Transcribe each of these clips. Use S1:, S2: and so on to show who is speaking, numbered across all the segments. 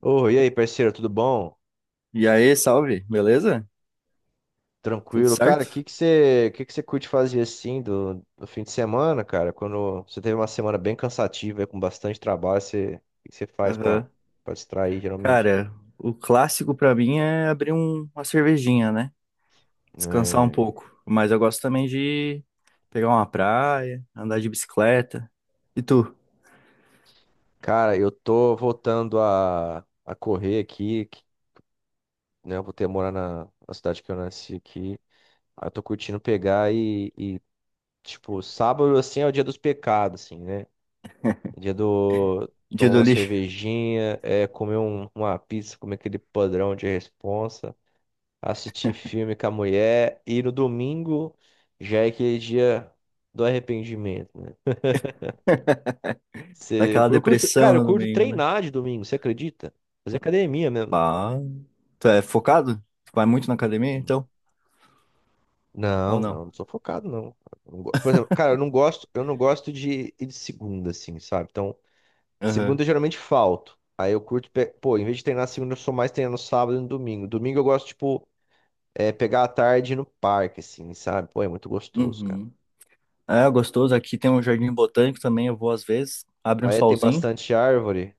S1: Ô, e aí, parceiro, tudo bom?
S2: E aí, salve, beleza? Tudo
S1: Tranquilo? Cara, o que
S2: certo?
S1: que você, que que você curte fazer assim do fim de semana, cara? Quando você teve uma semana bem cansativa, com bastante trabalho, você, o que que você faz pra,
S2: Aham.
S1: pra distrair, geralmente?
S2: Cara, o clássico pra mim é uma cervejinha, né? Descansar um
S1: É,
S2: pouco. Mas eu gosto também de pegar uma praia, andar de bicicleta. E tu?
S1: cara, eu tô voltando a correr aqui, né? Eu vou ter morar na cidade que eu nasci aqui. Aí eu tô curtindo tipo, sábado, assim, é o dia dos pecados, assim, né? Dia do
S2: Dia
S1: Tomar
S2: do
S1: uma
S2: lixo?
S1: cervejinha, é, comer uma pizza, comer aquele padrão de responsa, assistir filme com a mulher, e no domingo já é aquele dia do arrependimento, né? Cê- eu,
S2: Daquela
S1: eu curto,
S2: depressão
S1: cara, eu
S2: no
S1: curto
S2: domingo, né?
S1: treinar de domingo, você acredita? Fazer academia mesmo.
S2: Bah. Tu é focado? Tu vai muito na academia,
S1: Hum.
S2: então? Ou não?
S1: Não sou focado, não. Eu não go- Por exemplo, cara, eu não gosto de ir de segunda, assim, sabe? Então,
S2: Aham.
S1: segunda eu geralmente falto. Aí eu curto, pô, em vez de treinar segunda, eu sou mais treinar no sábado e no domingo. Domingo eu gosto, tipo, é, pegar a tarde no parque, assim, sabe? Pô, é muito gostoso, cara.
S2: Uhum. É gostoso. Aqui tem um jardim botânico também, eu vou às vezes. Abre um
S1: Aí tem
S2: solzinho.
S1: bastante árvore.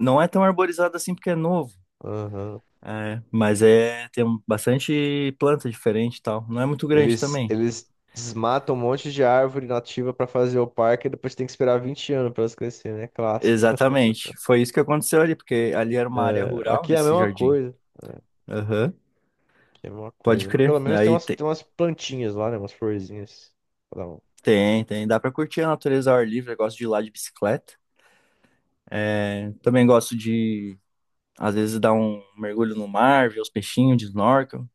S2: Não é tão arborizado assim porque é novo.
S1: Aham.
S2: É, mas é, bastante planta diferente e tal. Não é muito grande
S1: Eles,
S2: também.
S1: eles desmatam um monte de árvore nativa pra fazer o parque e depois tem que esperar 20 anos pra elas crescerem, né? Clássico.
S2: Exatamente. Foi isso que aconteceu ali, porque ali era uma área
S1: É,
S2: rural
S1: aqui é a
S2: nesse
S1: mesma
S2: jardim.
S1: coisa.
S2: Aham.
S1: Aqui é a mesma
S2: Pode
S1: coisa. Mas
S2: crer.
S1: pelo menos
S2: Aí tem,
S1: tem umas plantinhas lá, né? Umas florzinhas. Pra dar um-
S2: tem, tem. Dá pra curtir a natureza ao ar livre. Eu gosto de ir lá de bicicleta. É, também gosto de, às vezes, dar um mergulho no mar, ver os peixinhos de snorkel.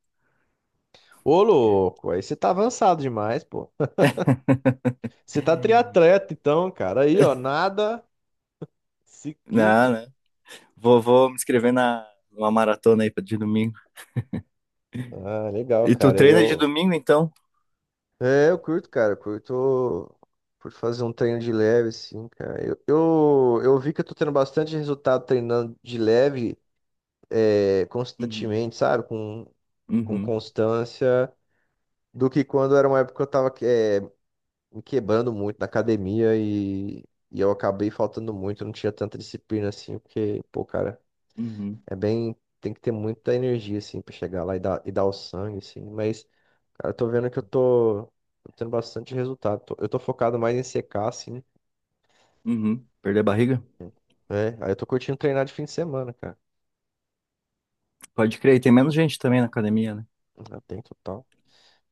S1: Ô, louco, aí você tá avançado demais, pô. Você tá triatleta, então, cara. Aí, ó, nada, ciclista.
S2: Não, né? Vou me inscrever numa maratona aí de domingo.
S1: Ah, legal,
S2: E tu
S1: cara.
S2: treina de
S1: Eu.
S2: domingo, então?
S1: É, eu curto, cara. Eu curto. Curto fazer um treino de leve, assim, cara. Eu vi que eu tô tendo bastante resultado treinando de leve, é,
S2: Uhum,
S1: constantemente, sabe? Com
S2: uhum,
S1: constância, do que quando era uma época que eu tava, é, me quebrando muito na academia e eu acabei faltando muito, eu não tinha tanta disciplina assim, porque, pô, cara.
S2: uhum,
S1: É bem. Tem que ter muita energia, assim, pra chegar lá e dar o sangue, assim. Mas, cara, eu tô vendo que eu tô tendo bastante resultado. Eu tô focado mais em secar, assim.
S2: uhum. Perder a barriga?
S1: É, aí eu tô curtindo treinar de fim de semana, cara.
S2: Pode crer, e tem menos gente também na academia, né?
S1: Já tem total.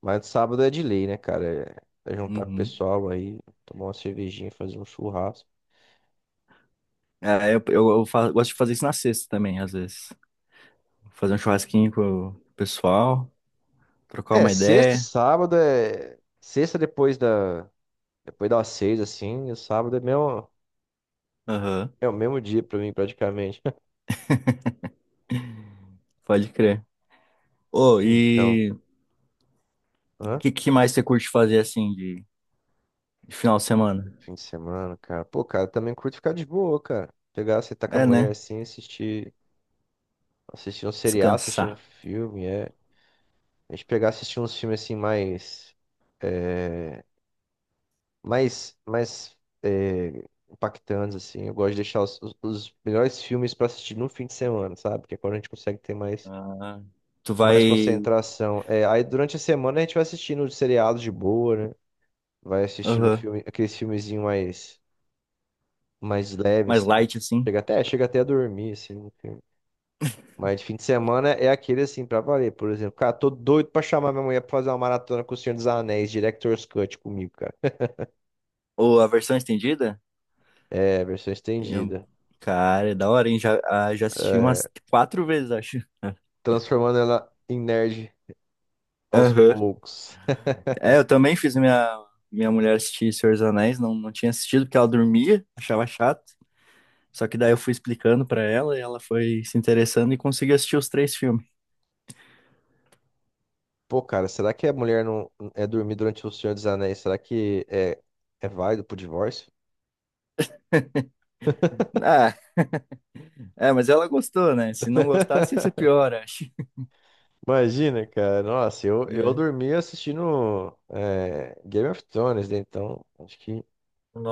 S1: Mas sábado é de lei, né, cara? É, é juntar com o
S2: Uhum.
S1: pessoal aí, tomar uma cervejinha, fazer um churrasco.
S2: É, gosto de fazer isso na sexta também, às vezes. Fazer um churrasquinho com o pessoal, trocar
S1: É,
S2: uma
S1: sexta e
S2: ideia.
S1: sábado é. Sexta depois da. Depois das seis, assim, e sábado é, mesmo,
S2: Aham,
S1: é o mesmo dia pra mim, praticamente.
S2: pode crer. Ô,
S1: Então.
S2: e o
S1: Hã?
S2: que, que mais você curte fazer assim de final de semana?
S1: Fim de semana, cara. Pô, cara, também curto ficar de boa, cara. Pegar, você tá com a
S2: É,
S1: mulher
S2: né?
S1: assim, assistir um seriado, assistir um
S2: Descansar.
S1: filme, é. A gente pegar, assistir uns filmes assim é, mais é, impactantes, assim. Eu gosto de deixar os melhores filmes pra assistir no fim de semana, sabe? Porque é quando a gente consegue ter
S2: Ah, tu
S1: mais
S2: vai.
S1: concentração. É, aí durante a semana a gente vai assistindo seriados de boa, né? Vai assistindo
S2: Aham,
S1: filme, aqueles filmezinhos mais leve,
S2: mais
S1: assim.
S2: light assim.
S1: Chega até a dormir, assim, no filme. Mas fim de semana é aquele, assim, pra valer. Por exemplo, cara, tô doido pra chamar minha mulher pra fazer uma maratona com o Senhor dos Anéis, Director's Cut comigo, cara.
S2: Ou a versão estendida?
S1: É, versão
S2: Eu-
S1: estendida.
S2: Cara, é da hora, hein? Já, ah, já assisti
S1: É,
S2: umas quatro vezes, acho.
S1: transformando ela em nerd aos
S2: Aham.
S1: poucos.
S2: É, eu também fiz minha mulher assistir Senhor dos Anéis, não, não tinha assistido porque ela dormia, achava chato. Só que daí eu fui explicando pra ela e ela foi se interessando e conseguiu assistir os três filmes.
S1: Pô, cara, será que a mulher não é dormir durante o Senhor dos Anéis? Será que é, é válido pro divórcio?
S2: Ah, é, mas ela gostou, né? Se não gostasse, ia ser pior, acho.
S1: Imagina, cara. Nossa, eu
S2: É.
S1: dormi assistindo é, Game of Thrones, né? Então, acho que.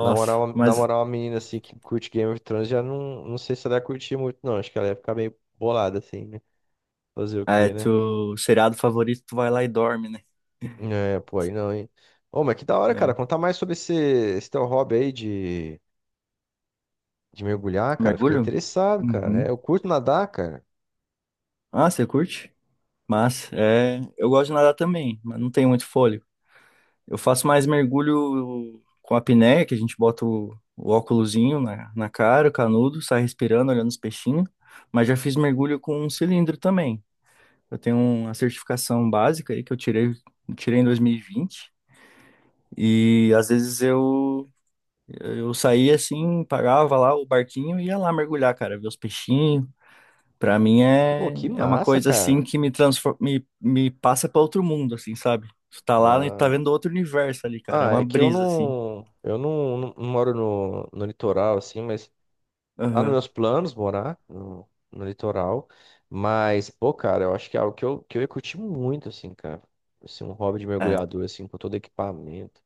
S1: Na moral,
S2: mas
S1: uma menina assim que curte Game of Thrones já não sei se ela ia curtir muito, não. Acho que ela ia ficar meio bolada assim, né? Fazer o
S2: é,
S1: quê, né?
S2: tu, seriado favorito, tu vai lá e dorme, né?
S1: É, pô, aí não, hein? Ô, mas que da hora, cara.
S2: É.
S1: Contar mais sobre esse teu hobby aí de mergulhar, cara. Fiquei
S2: Mergulho?
S1: interessado, cara. É,
S2: Uhum.
S1: eu curto nadar, cara.
S2: Ah, você curte? Mas, é, eu gosto de nadar também, mas não tenho muito fôlego. Eu faço mais mergulho com a apneia, que a gente bota o óculosinho na cara, o canudo, sai respirando, olhando os peixinhos. Mas já fiz mergulho com um cilindro também. Eu tenho uma certificação básica aí que eu tirei em 2020. E vinte. E às vezes eu saía assim, pagava lá o barquinho e ia lá mergulhar, cara, ver os peixinhos. Pra mim
S1: Pô,
S2: é,
S1: que
S2: é uma
S1: massa,
S2: coisa assim
S1: cara.
S2: que me transforma, me passa pra outro mundo, assim, sabe? Tu tá lá e tá
S1: Ah,
S2: vendo outro universo ali, cara. É uma
S1: é que
S2: brisa, assim.
S1: eu não, não, não moro no litoral, assim, mas tá nos
S2: Aham.
S1: meus planos morar no litoral, mas, pô, cara, eu acho que é algo que eu ia curtir muito, assim, cara. Assim, um hobby de
S2: É.
S1: mergulhador, assim, com todo equipamento.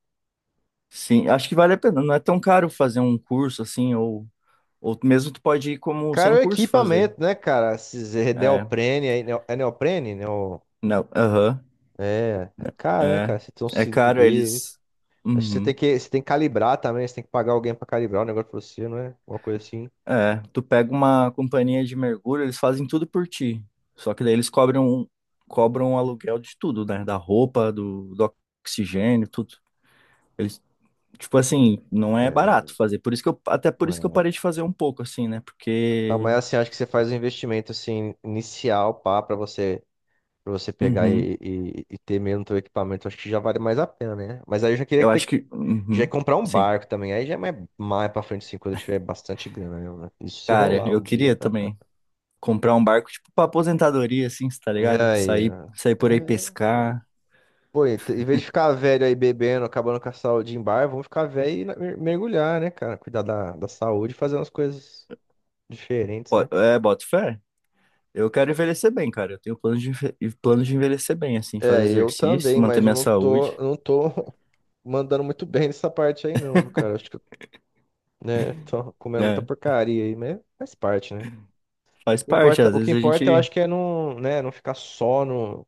S2: Sim, acho que vale a pena. Não é tão caro fazer um curso assim, ou mesmo tu pode ir como
S1: Cara,
S2: sem
S1: o
S2: curso fazer.
S1: equipamento, né, cara? Esses
S2: É.
S1: neoprene aí, é neoprene? Neo...
S2: Não. Aham.
S1: É, é caro, né,
S2: É.
S1: cara? Você tem um
S2: É
S1: cinto
S2: caro,
S1: deles.
S2: eles.
S1: Acho que
S2: Uhum.
S1: você tem que calibrar também, você tem que pagar alguém pra calibrar o negócio pra você, não é? Uma coisa assim.
S2: É. Tu pega uma companhia de mergulho, eles fazem tudo por ti. Só que daí eles cobram o aluguel de tudo, né? Da roupa, do, do oxigênio, tudo. Eles, tipo assim, não é
S1: É,
S2: barato fazer. Por isso que eu, até por
S1: não
S2: isso que eu
S1: é.
S2: parei de fazer um pouco, assim, né?
S1: Não,
S2: Porque.
S1: mas assim, acho que você faz um investimento, assim, inicial, pá, pra você. Pra você pegar
S2: Uhum.
S1: e ter mesmo teu equipamento, acho que já vale mais a pena, né? Mas aí eu já queria
S2: Eu acho
S1: ter,
S2: que.
S1: já ia
S2: Uhum,
S1: comprar um
S2: sim.
S1: barco também. Aí já é mais pra frente, assim, quando eu tiver bastante grana mesmo, né? Isso se
S2: Cara,
S1: rolar um
S2: eu
S1: dia.
S2: queria também comprar um barco, tipo, pra aposentadoria, assim, cê tá ligado?
S1: Aí,
S2: Sair,
S1: ó.
S2: sair por aí
S1: É, pô.
S2: pescar.
S1: Pô, e em vez de ficar velho aí bebendo, acabando com a saúde em bar, vamos ficar velho e mergulhar, né, cara? Cuidar da saúde, fazer umas coisas diferentes, né?
S2: Po- É, boto fé. Eu quero envelhecer bem, cara. Eu tenho plano de, plano de envelhecer bem, assim, fazer
S1: É, eu
S2: exercício,
S1: também,
S2: manter
S1: mas
S2: minha saúde,
S1: eu não tô mandando muito bem nessa parte aí, não, viu, cara? Acho que né? Tô comendo muita
S2: né?
S1: porcaria aí, mas faz parte, né?
S2: Faz parte, às
S1: O que
S2: vezes a
S1: importa, eu
S2: gente.
S1: acho que é não, né, não ficar só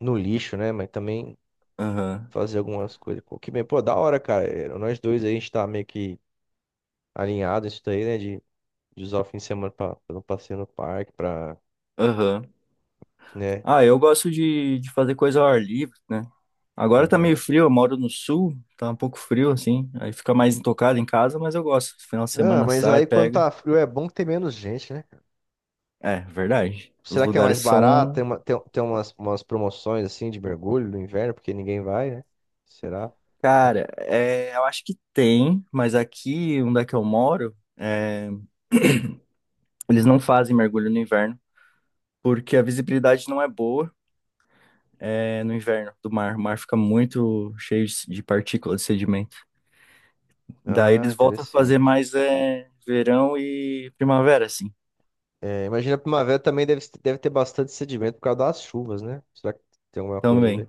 S1: no lixo, né? Mas também
S2: Aham,
S1: fazer algumas coisas. Pô, que bem, pô, da hora, cara. É, nós dois aí, a gente tá meio que alinhado isso daí, né? De usar o fim de semana pra fazer um passeio no parque, pra,
S2: aham.
S1: né?
S2: Ah, eu gosto de fazer coisa ao ar livre, né? Agora tá meio
S1: Aham.
S2: frio, eu moro no sul, tá um pouco frio, assim. Aí fica mais intocado em casa, mas eu gosto. Final de
S1: Ah,
S2: semana
S1: mas
S2: sai,
S1: aí quando
S2: pega.
S1: tá frio é bom que tem menos gente, né?
S2: É, verdade. Os
S1: Será que é mais
S2: lugares
S1: barato? Tem,
S2: são.
S1: uma, tem, tem umas, umas promoções assim de mergulho no inverno, porque ninguém vai, né? Será?
S2: Cara, é, eu acho que tem, mas aqui, onde é que eu moro, é, eles não fazem mergulho no inverno, porque a visibilidade não é boa, é, no inverno do mar. O mar fica muito cheio de partícula, de sedimento. Daí
S1: Ah,
S2: eles voltam a fazer
S1: interessante.
S2: mais é, verão e primavera, assim.
S1: É, imagina a primavera também deve ter bastante sedimento por causa das chuvas, né? Será que tem alguma coisa a ver?
S2: Também.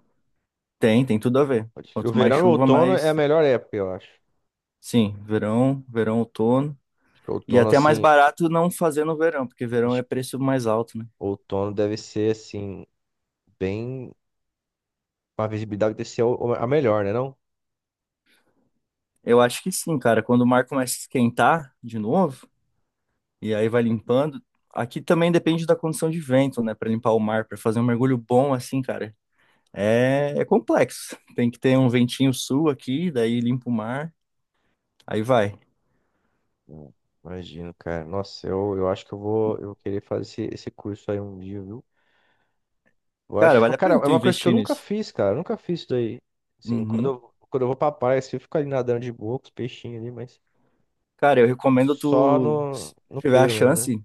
S2: Tem, tem tudo a ver.
S1: Pode crer. O
S2: Quanto mais
S1: verão e o
S2: chuva,
S1: outono é
S2: mais.
S1: a melhor época, eu acho.
S2: Sim, verão, verão, outono.
S1: Acho que
S2: E
S1: outono,
S2: até é mais
S1: assim,
S2: barato não fazer no verão, porque verão
S1: acho
S2: é
S1: que
S2: preço mais alto, né?
S1: outono deve ser, assim, bem. A visibilidade deve ser a melhor, né, não?
S2: Eu acho que sim, cara. Quando o mar começa a esquentar de novo, e aí vai limpando. Aqui também depende da condição de vento, né? Pra limpar o mar, pra fazer um mergulho bom assim, cara. É, é complexo. Tem que ter um ventinho sul aqui, daí limpa o mar, aí vai.
S1: Hum, imagino, cara. Nossa, eu acho que eu vou querer fazer esse curso aí um dia, viu? Eu
S2: Cara,
S1: acho que,
S2: vale a
S1: cara, é
S2: pena tu
S1: uma coisa que eu
S2: investir
S1: nunca
S2: nisso.
S1: fiz, cara. Eu nunca fiz isso daí. Assim,
S2: Uhum.
S1: quando eu vou pra praia, assim, eu fico ali nadando de boa com os peixinhos ali, mas
S2: Cara, eu recomendo
S1: só
S2: tu, se
S1: no
S2: tiver a
S1: pelo mesmo, né?
S2: chance,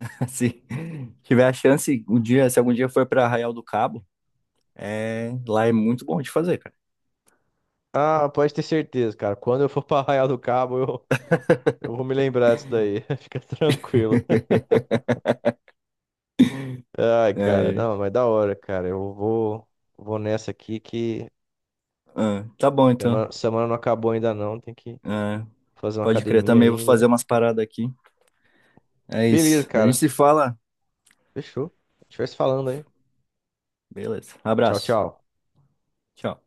S2: assim, se tiver a chance, um dia, se algum dia for pra Arraial do Cabo, é, lá é muito bom de fazer, cara.
S1: Ah, pode ter certeza, cara. Quando eu for pra Arraial do Cabo, eu vou me lembrar disso daí. Fica tranquilo. Ai,
S2: É,
S1: cara,
S2: é.
S1: não, mas da hora, cara. Eu vou, vou nessa aqui que
S2: Ah, tá bom então.
S1: semana não acabou ainda não. Tem que
S2: É,
S1: fazer uma
S2: pode crer,
S1: academia
S2: também vou fazer
S1: ainda.
S2: umas paradas aqui. É
S1: Beleza,
S2: isso. A gente
S1: cara.
S2: se fala.
S1: Fechou. A gente vai se falando, hein?
S2: Beleza.
S1: Tchau,
S2: Abraço.
S1: tchau.
S2: Tchau.